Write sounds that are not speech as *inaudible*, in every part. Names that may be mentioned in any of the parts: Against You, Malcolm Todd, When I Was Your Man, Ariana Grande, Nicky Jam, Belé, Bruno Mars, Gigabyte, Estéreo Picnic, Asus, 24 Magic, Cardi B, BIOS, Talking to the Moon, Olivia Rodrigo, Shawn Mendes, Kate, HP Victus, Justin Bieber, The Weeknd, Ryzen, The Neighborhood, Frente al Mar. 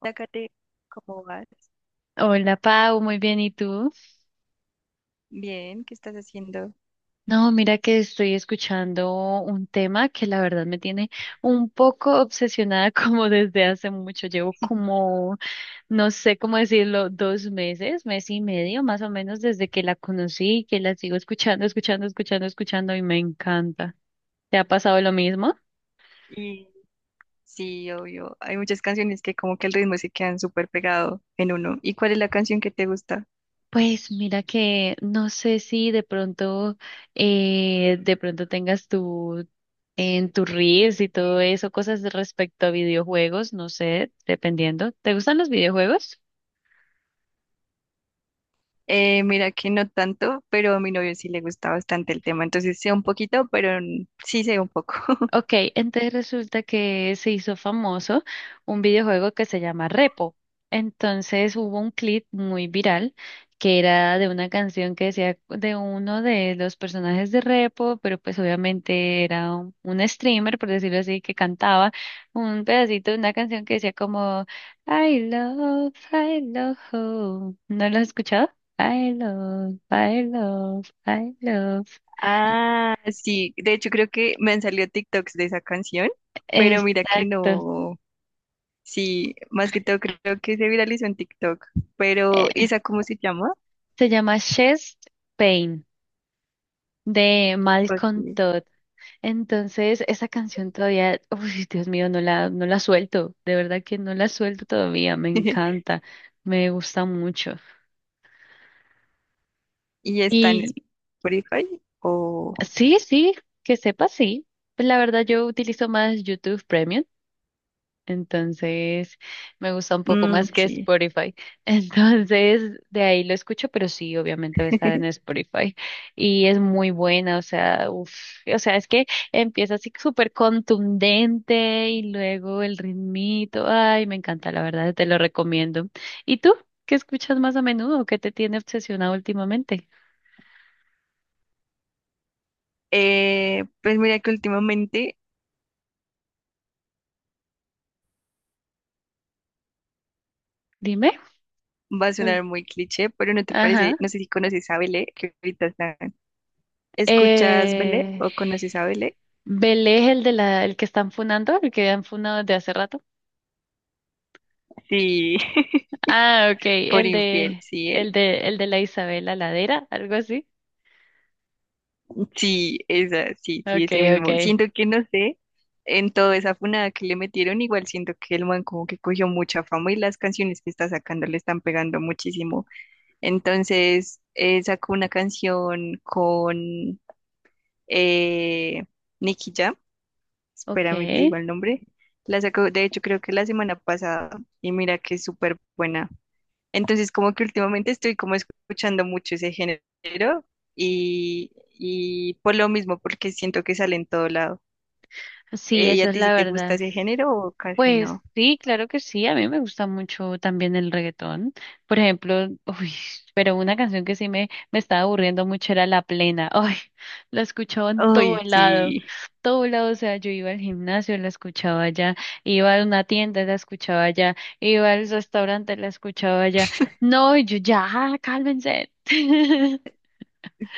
Hola, ¿cómo vas? Hola Pau, muy bien, ¿y tú? Bien, ¿qué estás haciendo? No, mira que estoy escuchando un tema que la verdad me tiene un poco obsesionada *laughs* como desde hace mucho. Llevo como, no sé cómo decirlo, dos meses, mes y medio más o menos desde que la conocí, que la sigo escuchando, escuchando, escuchando, escuchando y me encanta. ¿Te ha pasado lo mismo? Y sí, obvio, hay muchas canciones que como que el ritmo se quedan súper pegado en uno. ¿Y cuál es la canción que te gusta? Pues mira que no sé si de pronto, de pronto tengas tu en tus reels y todo eso, cosas de respecto a videojuegos, no sé, dependiendo. ¿Te gustan los videojuegos? Mira que no tanto, pero a mi novio sí le gusta bastante el tema, entonces sé un poquito, pero sí sé un poco. *laughs* Ok, entonces resulta que se hizo famoso un videojuego que se llama Repo. Entonces hubo un clip muy viral que era de una canción que decía de uno de los personajes de Repo, pero pues obviamente era un streamer, por decirlo así, que cantaba un pedacito de una canción que decía como I love home. ¿No lo has escuchado? I love, I love, I love. Ah, sí, de hecho creo que me han salido TikToks de esa canción, pero mira que Exacto. no, sí, más que todo creo que se viralizó en TikTok, pero ¿y esa cómo se llama? Se llama Chest Pain de Malcolm Ok. Todd. Entonces, esa canción todavía, uy, Dios mío, no la suelto. De verdad que no la suelto todavía. Me *laughs* encanta, me gusta mucho. Y está en Y Spotify o... sí, sí, que sepa, sí. Pues la verdad, yo utilizo más YouTube Premium. Entonces, me gusta un poco Mm, más que sí. Spotify. *laughs* Entonces, de ahí lo escucho, pero sí, obviamente va a estar en Spotify. Y es muy buena, o sea, uf, o sea, es que empieza así súper contundente y luego el ritmito. Ay, me encanta, la verdad, te lo recomiendo. ¿Y tú? ¿Qué escuchas más a menudo? ¿Qué te tiene obsesionado últimamente? Pues mira que últimamente Dime. va a Ul- sonar muy cliché, pero no te parece, ajá. no sé si conoces a Belé, que ahorita está... ¿Escuchas Belé Eh... o conoces a Belé? Belé, el que están funando, el que han funado desde hace rato. Sí, *laughs* Ah, ok, por infiel, sí, él. El de la Isabel Ladera, algo así. Sí, esa, sí, sí, Ok, ese ok, mismo. Siento que no sé, en toda esa funada que le metieron, igual siento que el man como que cogió mucha fama y las canciones que está sacando le están pegando muchísimo. Entonces sacó una canción con eh, Nicky Jam, espérame, te ok. digo el nombre. La sacó, de hecho, creo que la semana pasada, y mira que es súper buena. Entonces, como que últimamente estoy como escuchando mucho ese género y por lo mismo, porque siento que sale en todo lado. Sí, ¿Y eso a es ti sí la te gusta verdad. ese género o casi Pues no? sí, claro que sí, a mí me gusta mucho también el reggaetón. Por ejemplo, *laughs* uy, pero una canción que sí me estaba aburriendo mucho era La Plena. Ay, la escuchaba en Ay, sí. todo lado, o sea, yo iba al gimnasio, la escuchaba allá, iba a una tienda, la escuchaba allá, iba al restaurante, la escuchaba allá. No, y yo ya, "Ah, cálmense". *laughs*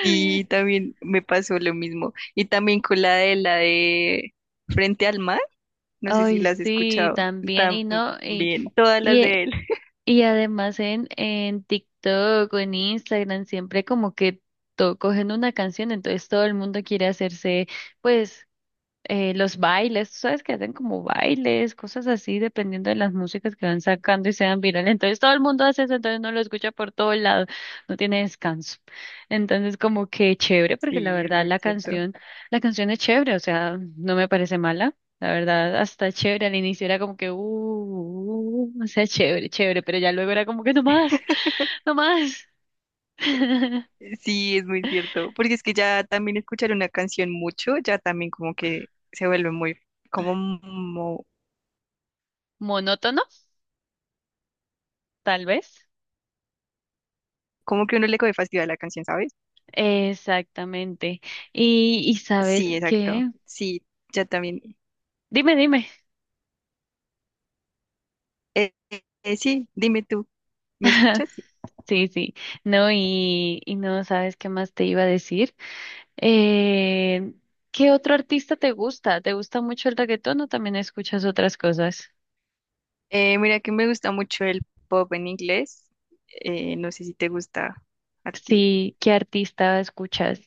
Sí, también me pasó lo mismo. Y también con la de Frente al Mar. No sé si Ay, las has sí, escuchado también, y no, también, todas y las eh, de él. *laughs* y además en TikTok o en Instagram siempre como que to- cogen una canción, entonces todo el mundo quiere hacerse pues los bailes, tú sabes que hacen como bailes, cosas así, dependiendo de las músicas que van sacando y sean virales. Entonces todo el mundo hace eso, entonces uno lo escucha por todo lado, no tiene descanso. Entonces como que chévere, porque la Sí, es verdad muy cierto. La canción es chévere, o sea, no me parece mala. La verdad, hasta chévere, al inicio era como que, o sea, chévere, chévere, pero ya luego era como que no más, no más. *laughs* Sí, es muy cierto, porque es que ya también escuchar una canción mucho, ya también como que se vuelve muy, como, Monótono, tal vez. como que uno le coge fastidio a la canción, ¿sabes? Exactamente. Y ¿sabes Sí, exacto. qué? Sí, ya también. Dime, dime. Eh, sí, dime tú, ¿me escuchas? Sí. Sí, sí. No, y no sabes qué más te iba a decir. Eh, ¿Qué otro artista te gusta? ¿Te gusta mucho el reggaetón o también escuchas otras cosas? Mira que me gusta mucho el pop en inglés. No sé si te gusta a ti. Sí, ¿qué artista escuchas?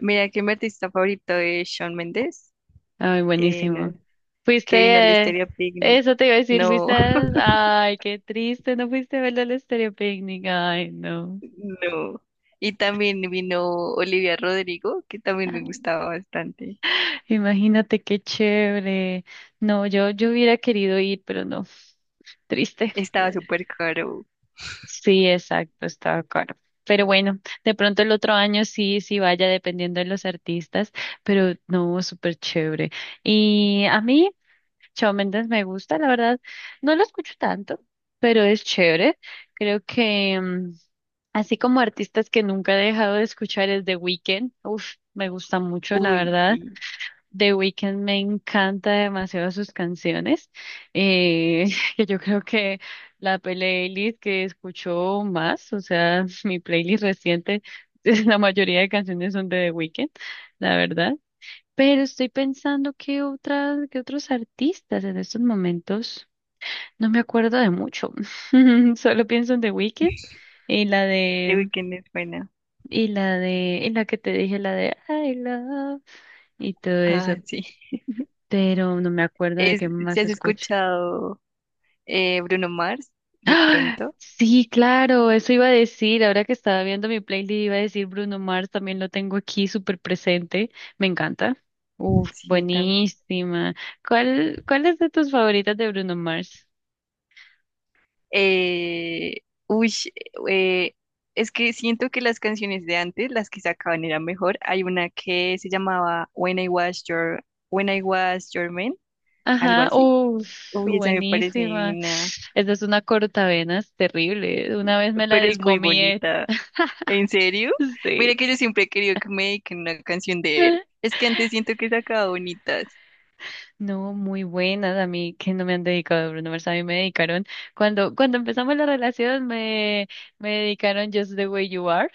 Mira que mi artista favorito es Shawn Mendes. Ay, buenísimo. No Fuiste, que vino el eh, Estéreo Picnic. eso te iba a decir, No, fuiste, a- ay, qué triste, no fuiste a verlo al Estéreo Picnic. Ay, *laughs* no. no. Y también vino Olivia Rodrigo, que también me *laughs* gustaba bastante. Imagínate qué chévere. No, yo hubiera querido ir, pero no, triste. Estaba súper caro. Sí, exacto, estaba caro. Pero bueno, de pronto el otro año sí, sí vaya dependiendo de los artistas, pero no, súper chévere. Y a mí, Shawn Mendes me gusta, la verdad, no lo escucho tanto, pero es chévere. Creo que mm, así como artistas que nunca he dejado de escuchar es The Weeknd, uf, me gusta mucho, la Uy, verdad. sí. The Weeknd me encanta demasiado sus canciones, eh, *laughs* que yo creo que la playlist que escucho más, o sea, *laughs* mi playlist reciente, *laughs* la mayoría de canciones son de The Weeknd, la verdad. Pero estoy pensando que otras, que otros artistas en estos momentos no me acuerdo de mucho. *laughs* Solo pienso en The Weeknd y la The de Weeknd es buena. Y la que te dije, la de I Love y todo eso. Ah, sí. Pero no me acuerdo de Es, qué ¿si más has escucho. escuchado Bruno Mars? De ¡Ah! pronto. Sí, claro, eso iba a decir, ahora que estaba viendo mi playlist iba a decir Bruno Mars, también lo tengo aquí súper presente, me encanta. Uf, Sí, también. buenísima. ¿Cuál, cuál es de tus favoritas de Bruno Mars? Eh, uy, eh, es que siento que las canciones de antes, las que sacaban, eran mejor. Hay una que se llamaba When I Was Your Man, algo Ajá, así. uff Uy, esa me parece buenísima. divina, Esa es una cortavenas terrible, una vez me la pero es muy dicomí, bonita. ¿En serio? *laughs* sí. Mira que yo siempre he querido que me dediquen una canción de él. Es que antes siento que sacaba bonitas. No, muy buenas a mí que no me han dedicado Bruno Mars, a mí me dedicaron cuando empezamos la relación me dedicaron Just the Way You Are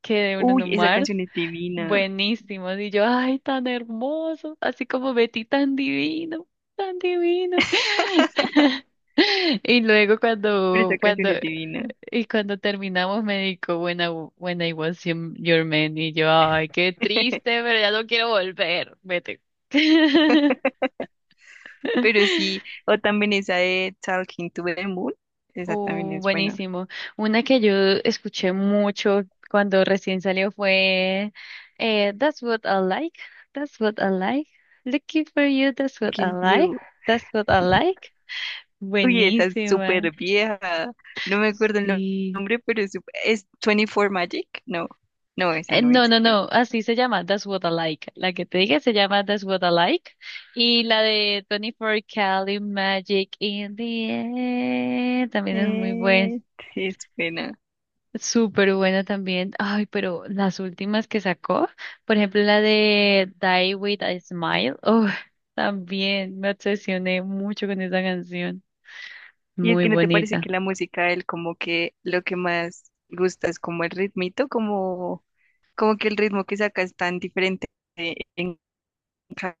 que de Bruno Uy, esa Mars, canción es divina, buenísimos y yo ay tan hermoso, así como Betty tan divino, tan divino. *laughs* *laughs* Y luego pero esa canción es divina. Cuando terminamos me dedicó When I Was Your Man y yo ay qué *laughs* triste, pero ya no quiero volver, vete. *laughs* Pero sí, o también esa de Talking to the Moon, esa también es buena. buenísimo. Una que yo escuché mucho cuando recién salió fue That's what I like, that's what I like, looking for you, that's what I Against like, You. that's what I like. Uy, esa es Buenísima. súper vieja. No me acuerdo el Sí. nombre, pero es 24 Magic. No, no, esa no es, No, no, creo. no, así se llama That's what I like. La que te dije se llama That's what I like. Y la de 24 Cali Magic in the Air también es muy buena. Eh, *laughs* sí, es pena. Súper buena también. Ay, pero las últimas que sacó, por ejemplo, la de Die With a Smile, oh, también me obsesioné mucho con esa canción. Y es Muy que no te parece bonita. que la música de él como que lo que más gusta es como el ritmito, como, como que el ritmo que saca es tan diferente en ca-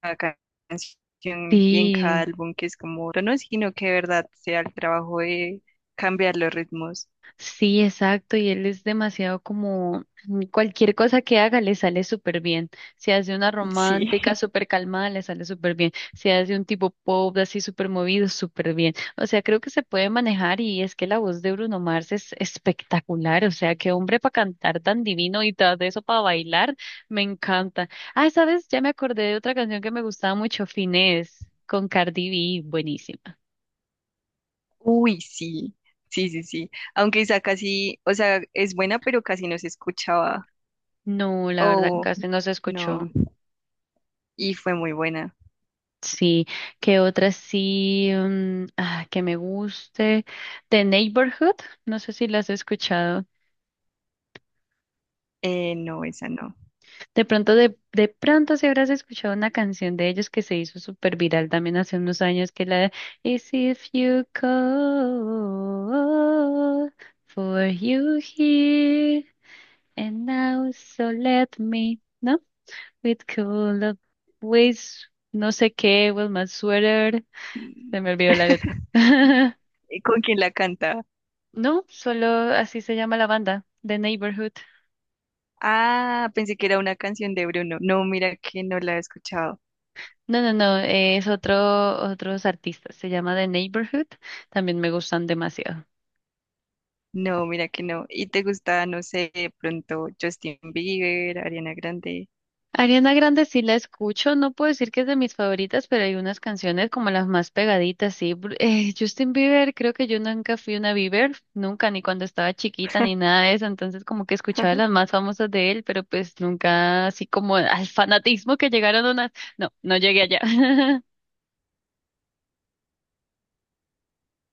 cada canción y en Sí. cada álbum, que es como, no, no, sino que de verdad sea el trabajo de cambiar los ritmos. Sí, exacto, y él es demasiado como mm, cualquier cosa que haga le sale súper bien. Si hace una Sí. romántica *laughs* súper calmada, le sale súper bien. Si hace un tipo pop así súper movido, súper bien. O sea, creo que se puede manejar y es que la voz de Bruno Mars es espectacular. O sea, qué hombre para cantar tan divino y tras de eso para bailar, me encanta. Ah, ¿sabes? Ya me acordé de otra canción que me gustaba mucho, Finesse, con Cardi B, buenísima. Uy, sí. Sí, sí, sí. Aunque esa casi, o sea, es buena, pero casi no se escuchaba. No, la verdad Oh, casi no se no. escuchó. Y fue muy buena. Sí, que otra sí mm, ah, que me guste. The Neighborhood, no sé si la has escuchado. No, esa no. De pronto, de pronto si habrás escuchado una canción de ellos que se hizo súper viral también hace unos años, que la de Is if you call for you here and now so let me, ¿no? With cool ways, no sé qué, with my sweater. Mm. Se me olvidó la letra. *laughs* *laughs* ¿Con quién la canta? No, solo así se llama la banda, The Neighborhood. Ah, pensé que era una canción de Bruno. No, mira que no la he escuchado. No, no, no, es otros artistas, se llama The Neighborhood, también me gustan demasiado. No, mira que no. ¿Y te gusta, no sé, de pronto Justin Bieber, Ariana Grande? Ariana Grande sí la escucho, no puedo decir que es de mis favoritas, pero hay unas canciones como las más pegaditas, sí. Bru- *laughs* Justin Bieber, creo que yo nunca fui una Bieber, nunca, ni cuando estaba chiquita, ni nada de eso, entonces como que escuchaba las más famosas de él, pero pues nunca así como al fanatismo que llegaron unas, no, no llegué allá. *laughs*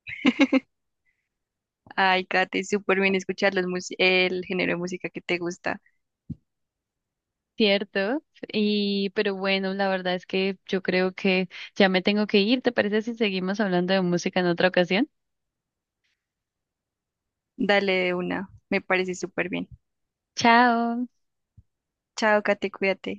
*laughs* Ay, Kate, súper bien escuchar los el género de música que te gusta. Cierto, y pero bueno, la verdad es que yo creo que ya me tengo que ir. ¿Te parece si seguimos hablando de música en otra ocasión? Dale de una, me parece súper bien. Chao. Chao, Kate, cuídate.